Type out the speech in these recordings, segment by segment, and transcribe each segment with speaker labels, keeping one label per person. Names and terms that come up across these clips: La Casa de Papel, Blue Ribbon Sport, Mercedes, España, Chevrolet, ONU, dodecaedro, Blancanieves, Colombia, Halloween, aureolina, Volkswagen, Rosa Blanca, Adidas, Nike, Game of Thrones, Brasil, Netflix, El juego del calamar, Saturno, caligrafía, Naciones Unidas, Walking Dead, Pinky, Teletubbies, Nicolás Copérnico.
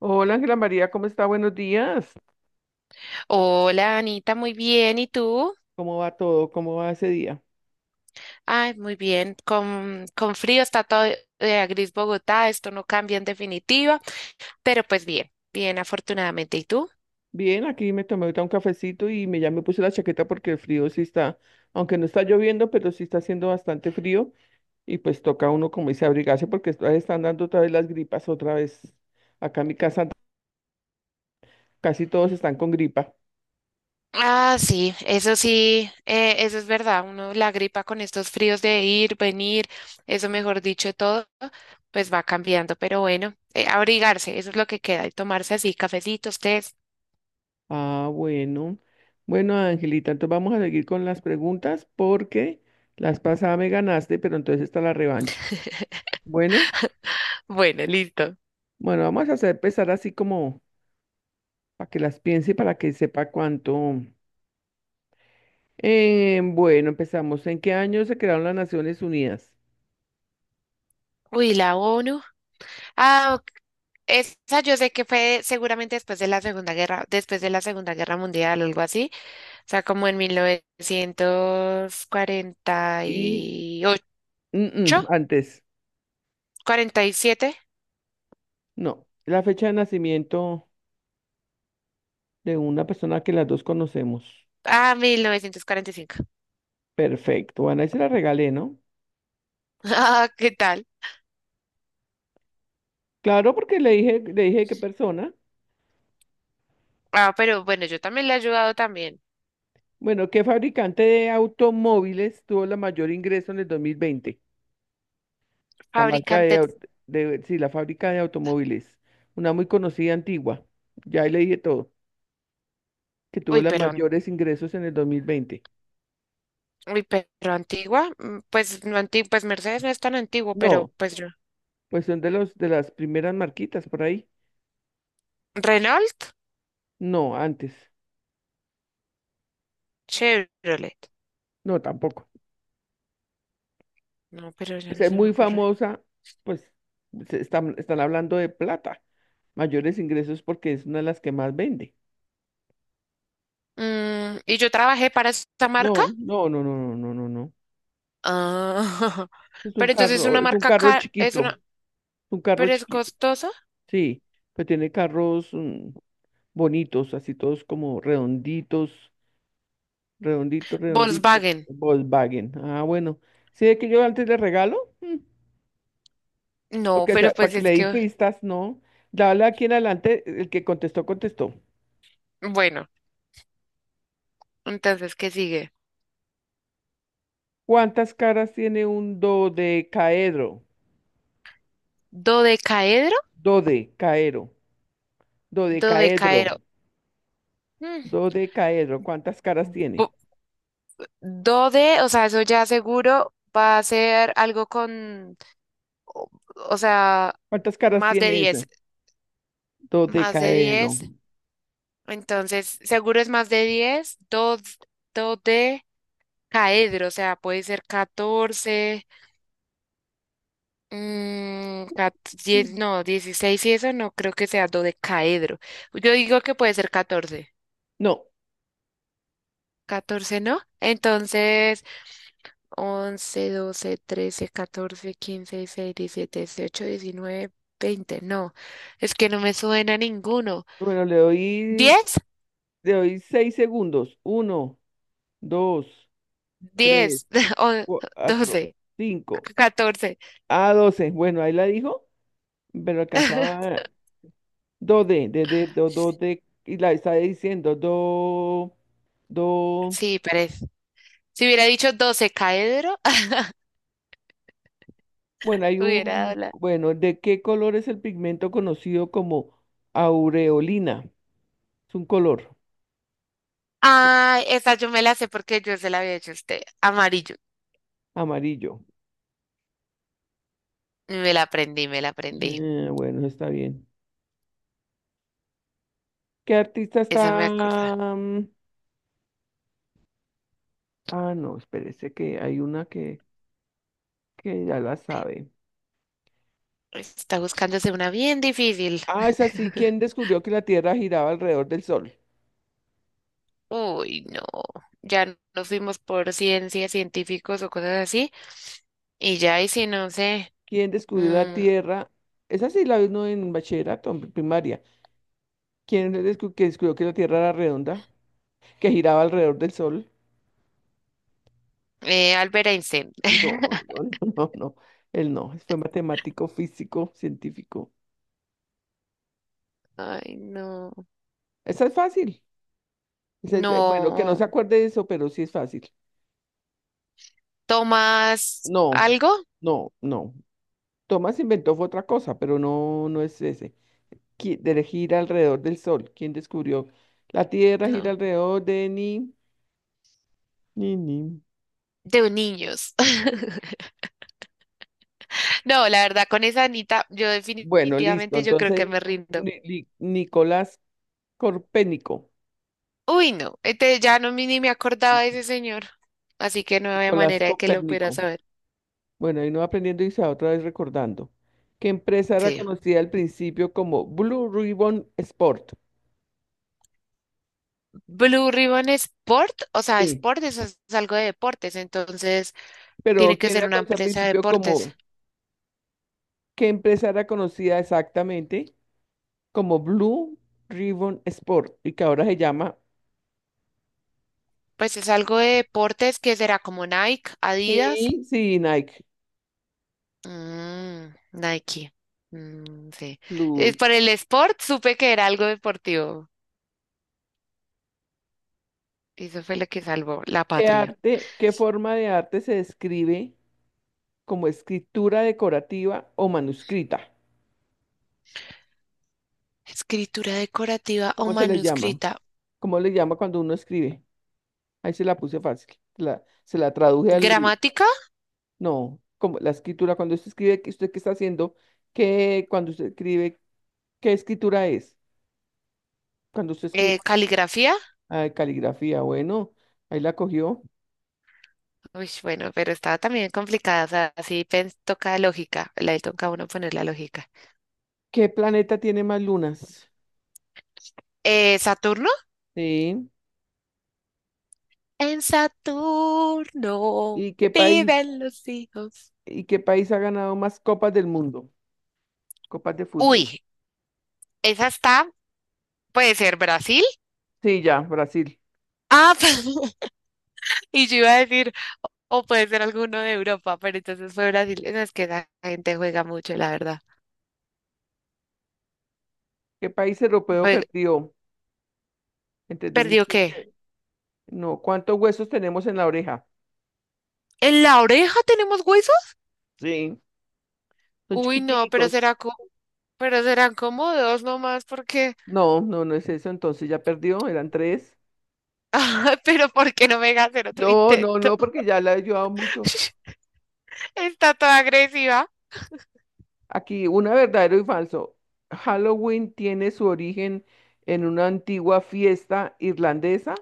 Speaker 1: Hola Ángela María, ¿cómo está? Buenos días.
Speaker 2: Hola Anita, muy bien. ¿Y tú?
Speaker 1: ¿Cómo va todo? ¿Cómo va ese día?
Speaker 2: Ay, muy bien. Con frío está todo, gris Bogotá. Esto no cambia en definitiva, pero pues bien, bien afortunadamente. ¿Y tú?
Speaker 1: Bien, aquí me tomé ahorita un cafecito y ya me puse la chaqueta porque el frío sí está, aunque no está lloviendo, pero sí está haciendo bastante frío y pues toca uno, como dice, abrigarse porque están dando otra vez las gripas, otra vez. Acá en mi casa casi todos están con gripa.
Speaker 2: Ah, sí, eso es verdad. Uno la gripa con estos fríos de ir, venir, eso mejor dicho, todo, pues va cambiando. Pero bueno, abrigarse, eso es lo que queda, y tomarse así cafecitos, tés.
Speaker 1: Ah, bueno. Bueno, Angelita, entonces vamos a seguir con las preguntas porque las pasadas me ganaste, pero entonces está la revancha. Bueno,
Speaker 2: Bueno, listo.
Speaker 1: bueno, vamos a hacer empezar así como, para que las piense y para que sepa cuánto. Bueno, empezamos. ¿En qué año se crearon las Naciones Unidas?
Speaker 2: Uy, la ONU. Ah, esa yo sé que fue seguramente después de la Segunda Guerra, después de la Segunda Guerra Mundial algo así, o sea, como en
Speaker 1: Y mm,
Speaker 2: 1948,
Speaker 1: antes,
Speaker 2: 47,
Speaker 1: no. La fecha de nacimiento de una persona que las dos conocemos.
Speaker 2: ah, 1945
Speaker 1: Perfecto. Bueno, ahí se la regalé, ¿no?
Speaker 2: Ah, ¿qué tal?
Speaker 1: Claro, porque le dije qué persona.
Speaker 2: Ah, pero bueno, yo también le he ayudado también.
Speaker 1: Bueno, ¿qué fabricante de automóviles tuvo la mayor ingreso en el 2020? La marca
Speaker 2: Fabricante,
Speaker 1: de, de, sí, la fábrica de automóviles. Una muy conocida, antigua. Ya ahí le dije todo, que tuvo
Speaker 2: uy,
Speaker 1: los
Speaker 2: pero, an-
Speaker 1: mayores ingresos en el 2020.
Speaker 2: uy, pero antigua, mm, pues no antigua, pues Mercedes no es tan antiguo, pero
Speaker 1: No,
Speaker 2: pues yo.
Speaker 1: pues son de los, de las primeras marquitas por ahí.
Speaker 2: Renault,
Speaker 1: No, antes.
Speaker 2: Chevrolet.
Speaker 1: No, tampoco.
Speaker 2: No, pero
Speaker 1: O
Speaker 2: ya no
Speaker 1: sea,
Speaker 2: se me
Speaker 1: muy
Speaker 2: ocurre.
Speaker 1: famosa, pues se están hablando de plata. Mayores ingresos porque es una de las que más vende.
Speaker 2: Mm, y yo trabajé para esta marca.
Speaker 1: No, no, no, no, no, no, no, no.
Speaker 2: Ah, pero entonces es una
Speaker 1: Es un
Speaker 2: marca
Speaker 1: carro
Speaker 2: cara, es
Speaker 1: chiquito,
Speaker 2: una,
Speaker 1: un carro
Speaker 2: pero es
Speaker 1: chiquito.
Speaker 2: costosa.
Speaker 1: Sí, pero tiene carros bonitos, así todos como redonditos. Redondito, redondito.
Speaker 2: Volkswagen.
Speaker 1: Volkswagen. Ah, bueno. Sí, es que yo antes le regalo,
Speaker 2: No,
Speaker 1: porque, o
Speaker 2: pero
Speaker 1: sea, para
Speaker 2: pues
Speaker 1: que le
Speaker 2: es
Speaker 1: di
Speaker 2: que,
Speaker 1: pistas, no. Dale, aquí en adelante, el que contestó, contestó.
Speaker 2: bueno, entonces, ¿qué sigue?
Speaker 1: ¿Cuántas caras tiene un dodecaedro?
Speaker 2: Dodecaedro,
Speaker 1: Dodecaedro. Dodecaedro.
Speaker 2: dodecaedro. Mm,
Speaker 1: Dodecaedro. ¿Cuántas caras tiene?
Speaker 2: bo- dode, o sea, eso ya seguro va a ser algo con, o, o sea,
Speaker 1: ¿Cuántas caras
Speaker 2: más de
Speaker 1: tiene ese?
Speaker 2: 10, más de
Speaker 1: Dodecaedro.
Speaker 2: 10. Entonces, seguro es más de 10. Do, dodecaedro, o sea, puede ser 14. Mm,
Speaker 1: Mm.
Speaker 2: no, 16 y eso no creo que sea dodecaedro. Yo digo que puede ser catorce,
Speaker 1: No.
Speaker 2: catorce, ¿no? Entonces, once, doce, trece, catorce, quince, 16, 17, 18, 19, 20. No, es que no me suena ninguno.
Speaker 1: Bueno, le doy,
Speaker 2: diez
Speaker 1: le doy 6 segundos. Uno, dos, tres,
Speaker 2: diez o-
Speaker 1: cuatro,
Speaker 2: 12,
Speaker 1: cinco.
Speaker 2: 14.
Speaker 1: A doce, bueno, ahí la dijo, pero alcanzaba. 2D, d d D, do, do, d, y la está diciendo, do, do.
Speaker 2: Sí, parece. Si hubiera dicho 12 caedro,
Speaker 1: Bueno,
Speaker 2: hubiera dado la...
Speaker 1: bueno, ¿de qué color es el pigmento conocido como aureolina? Es un color
Speaker 2: Ah, esa yo me la sé porque yo se la había hecho a usted. Amarillo.
Speaker 1: amarillo.
Speaker 2: Me la aprendí.
Speaker 1: Bueno, está bien. ¿Qué artista
Speaker 2: Esa
Speaker 1: está?
Speaker 2: me acuerda.
Speaker 1: Ah, no, espérese, que hay una que ya la sabe.
Speaker 2: Está buscándose una bien difícil.
Speaker 1: Ah, es así, ¿quién descubrió que la Tierra giraba alrededor del Sol?
Speaker 2: Uy, no. Ya Nos fuimos por ciencias, científicos o cosas así. Y ya, y si no sé.
Speaker 1: ¿Quién descubrió la
Speaker 2: mm,
Speaker 1: Tierra? Esa sí la vino en bachillerato, en primaria. ¿Quién que descubrió que la Tierra era redonda, que giraba alrededor del Sol?
Speaker 2: Albert Einstein.
Speaker 1: No, no, no, no, no. Él no, fue matemático, físico, científico.
Speaker 2: Ay, no.
Speaker 1: Esa es fácil. Bueno, que no
Speaker 2: No.
Speaker 1: se acuerde de eso, pero sí es fácil.
Speaker 2: ¿Tomas
Speaker 1: No,
Speaker 2: algo?
Speaker 1: no, no. Thomas inventó fue otra cosa, pero no, no es ese. De gira alrededor del Sol. ¿Quién descubrió? La Tierra gira
Speaker 2: No.
Speaker 1: alrededor de ni, ni, ni.
Speaker 2: De niños. No, la verdad, con esa Anita, yo
Speaker 1: Bueno, listo.
Speaker 2: definitivamente yo creo
Speaker 1: Entonces,
Speaker 2: que me rindo.
Speaker 1: Nicolás Corpénico.
Speaker 2: Uy, no, este, ni me acordaba de ese señor, así que no había
Speaker 1: Nicolás
Speaker 2: manera de que lo pudiera
Speaker 1: Copérnico.
Speaker 2: saber.
Speaker 1: Bueno, ahí no va aprendiendo y se va otra vez recordando. ¿Qué empresa era
Speaker 2: Sí.
Speaker 1: conocida al principio como Blue Ribbon Sport?
Speaker 2: Blue Ribbon Sport, o sea,
Speaker 1: Sí.
Speaker 2: Sport es algo de deportes, entonces
Speaker 1: Pero,
Speaker 2: tiene que
Speaker 1: ¿quién
Speaker 2: ser
Speaker 1: era
Speaker 2: una
Speaker 1: conocida al
Speaker 2: empresa de
Speaker 1: principio
Speaker 2: deportes.
Speaker 1: como? ¿Qué empresa era conocida exactamente como Blue Ribbon Sport y que ahora se llama?
Speaker 2: Pues es algo de deportes que será como Nike, Adidas,
Speaker 1: Sí, sí, Nike.
Speaker 2: mm, Nike. Mm, sí. Es
Speaker 1: Blue.
Speaker 2: por el Sport supe que era algo deportivo. Y eso fue lo que salvó la
Speaker 1: ¿Qué
Speaker 2: patria.
Speaker 1: arte, qué forma de arte se describe como escritura decorativa o manuscrita?
Speaker 2: Escritura decorativa o
Speaker 1: ¿Cómo se le llama?
Speaker 2: manuscrita.
Speaker 1: ¿Cómo le llama cuando uno escribe? Ahí se la puse fácil. Se la traduje al.
Speaker 2: Gramática,
Speaker 1: No, como la escritura, cuando usted escribe, ¿usted qué está haciendo? ¿Qué, cuando usted escribe, qué escritura es? Cuando usted escribe,
Speaker 2: caligrafía.
Speaker 1: ah, caligrafía, bueno, ahí la cogió.
Speaker 2: Uy, bueno, pero estaba también complicada, o sea, toca lógica, le toca a uno poner la lógica.
Speaker 1: ¿Qué planeta tiene más lunas?
Speaker 2: ¿Saturno?
Speaker 1: Sí.
Speaker 2: En Saturno
Speaker 1: ¿Y qué país,
Speaker 2: viven los hijos.
Speaker 1: y qué país ha ganado más copas del mundo? Copas de fútbol.
Speaker 2: Uy, esa está, puede ser Brasil.
Speaker 1: Sí, ya, Brasil.
Speaker 2: Ah, y yo iba a decir, o puede ser alguno de Europa, pero entonces fue Brasil. No, es que esa gente juega mucho, la verdad.
Speaker 1: ¿Qué país europeo
Speaker 2: Jue-
Speaker 1: perdió? Entre dos mil
Speaker 2: ¿Perdió qué?
Speaker 1: quince No, ¿cuántos huesos tenemos en la oreja?
Speaker 2: ¿En la oreja tenemos huesos?
Speaker 1: Sí, son
Speaker 2: Uy, no, pero
Speaker 1: chiquiticos.
Speaker 2: será como, pero serán como dos nomás, porque...
Speaker 1: No, no, no es eso. Entonces ya perdió, eran tres.
Speaker 2: Ah, pero ¿por qué no me deja hacer otro
Speaker 1: No, no,
Speaker 2: intento?
Speaker 1: no, porque ya la he ayudado mucho.
Speaker 2: Está toda agresiva.
Speaker 1: Aquí, una verdadero y falso. Halloween tiene su origen en una antigua fiesta irlandesa.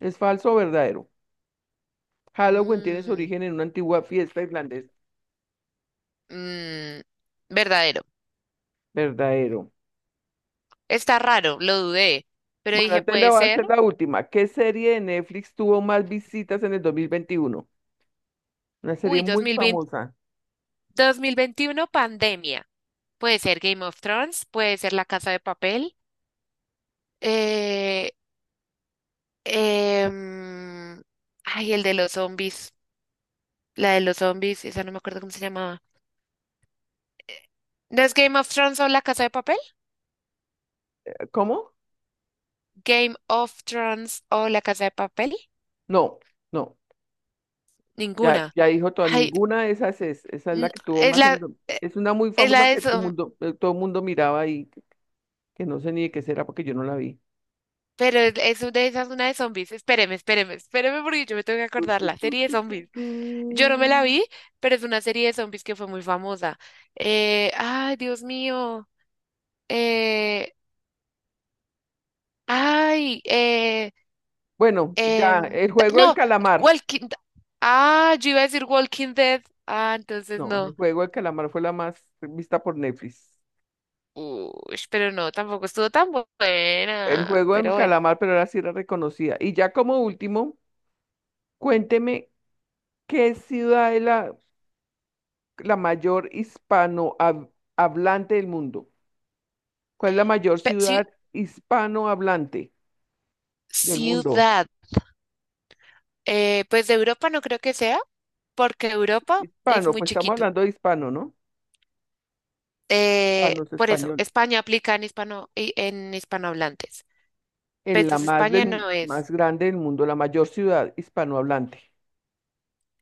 Speaker 1: ¿Es falso o verdadero? Halloween tiene su
Speaker 2: Mm,
Speaker 1: origen en una antigua fiesta irlandesa.
Speaker 2: mm, verdadero.
Speaker 1: Verdadero.
Speaker 2: Está raro, lo dudé, pero
Speaker 1: Bueno,
Speaker 2: dije,
Speaker 1: antes le
Speaker 2: puede
Speaker 1: voy a
Speaker 2: ser.
Speaker 1: hacer la última. ¿Qué serie de Netflix tuvo más visitas en el 2021? Una serie
Speaker 2: Uy,
Speaker 1: muy
Speaker 2: 2020,
Speaker 1: famosa.
Speaker 2: 2021, pandemia. Puede ser Game of Thrones, puede ser La Casa de Papel. Eh, em, ay, el de los zombies. La de los zombies, esa no me acuerdo cómo se llamaba. ¿No es Game of Thrones o La Casa de Papel?
Speaker 1: ¿Cómo?
Speaker 2: Game of Thrones o La Casa de Papel.
Speaker 1: No, no. Ya,
Speaker 2: Ninguna.
Speaker 1: ya dijo toda,
Speaker 2: Ay,
Speaker 1: ninguna de esas es. Esa es la
Speaker 2: n-
Speaker 1: que tuvo
Speaker 2: es
Speaker 1: más.
Speaker 2: la, eh,
Speaker 1: Es una muy
Speaker 2: es la
Speaker 1: famosa que todo mundo miraba y que no sé ni de qué será, porque yo no la vi.
Speaker 2: pero es de esas, una de zombies. Espéreme porque yo me tengo que
Speaker 1: Tu,
Speaker 2: acordar
Speaker 1: tu,
Speaker 2: la
Speaker 1: tu,
Speaker 2: serie de
Speaker 1: tu, tu,
Speaker 2: zombies. Yo
Speaker 1: tu.
Speaker 2: no me la vi, pero es una serie de zombies que fue muy famosa. Ay, Dios mío. Eh, ay, eh,
Speaker 1: Bueno, ya, el juego del
Speaker 2: no,
Speaker 1: calamar.
Speaker 2: Walking. Ah, yo iba a decir Walking Dead. Ah, entonces
Speaker 1: No, el
Speaker 2: no.
Speaker 1: juego del calamar fue la más vista por Netflix.
Speaker 2: Uy, pero no, tampoco estuvo tan
Speaker 1: El
Speaker 2: buena.
Speaker 1: juego del
Speaker 2: Pero bueno.
Speaker 1: calamar, pero ahora sí era reconocida. Y ya como último, cuénteme qué ciudad es la, mayor hispanohablante del mundo. ¿Cuál es la mayor
Speaker 2: Pe-
Speaker 1: ciudad
Speaker 2: ci-
Speaker 1: hispanohablante del mundo?
Speaker 2: ciudad. Pues de Europa no creo que sea, porque Europa es
Speaker 1: Hispano,
Speaker 2: muy
Speaker 1: pues estamos
Speaker 2: chiquito.
Speaker 1: hablando de hispano, ¿no? Hispano es
Speaker 2: Por eso,
Speaker 1: español.
Speaker 2: España aplica en hispano, en hispanohablantes. Pero
Speaker 1: En la
Speaker 2: entonces
Speaker 1: más,
Speaker 2: España no es.
Speaker 1: más grande del mundo, la mayor ciudad hispanohablante.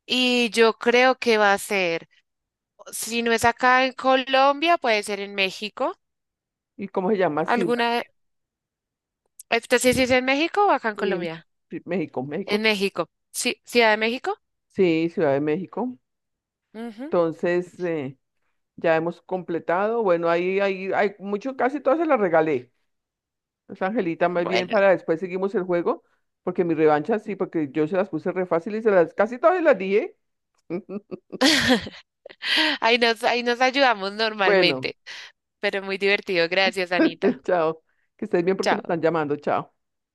Speaker 2: Y yo creo que va a ser, si no es acá en Colombia, puede ser en México.
Speaker 1: ¿Y cómo se llama ciudad?
Speaker 2: ¿Alguna? Este sí, sí es en México o acá en
Speaker 1: Sí,
Speaker 2: Colombia.
Speaker 1: sí, México, México.
Speaker 2: En México. Sí, Ciudad de México.
Speaker 1: Sí, Ciudad de México.
Speaker 2: Ujú.
Speaker 1: Entonces, ya hemos completado. Bueno, ahí hay mucho, casi todas se las regalé. Entonces, Angelita, más bien
Speaker 2: Bueno,
Speaker 1: para después seguimos el juego, porque mi revancha sí, porque yo se las puse re fácil y casi todas se las dije.
Speaker 2: ahí nos ayudamos
Speaker 1: Bueno,
Speaker 2: normalmente. Pero muy divertido. Gracias, Anita.
Speaker 1: chao. Que estés bien, porque me
Speaker 2: Chao.
Speaker 1: están llamando. Chao.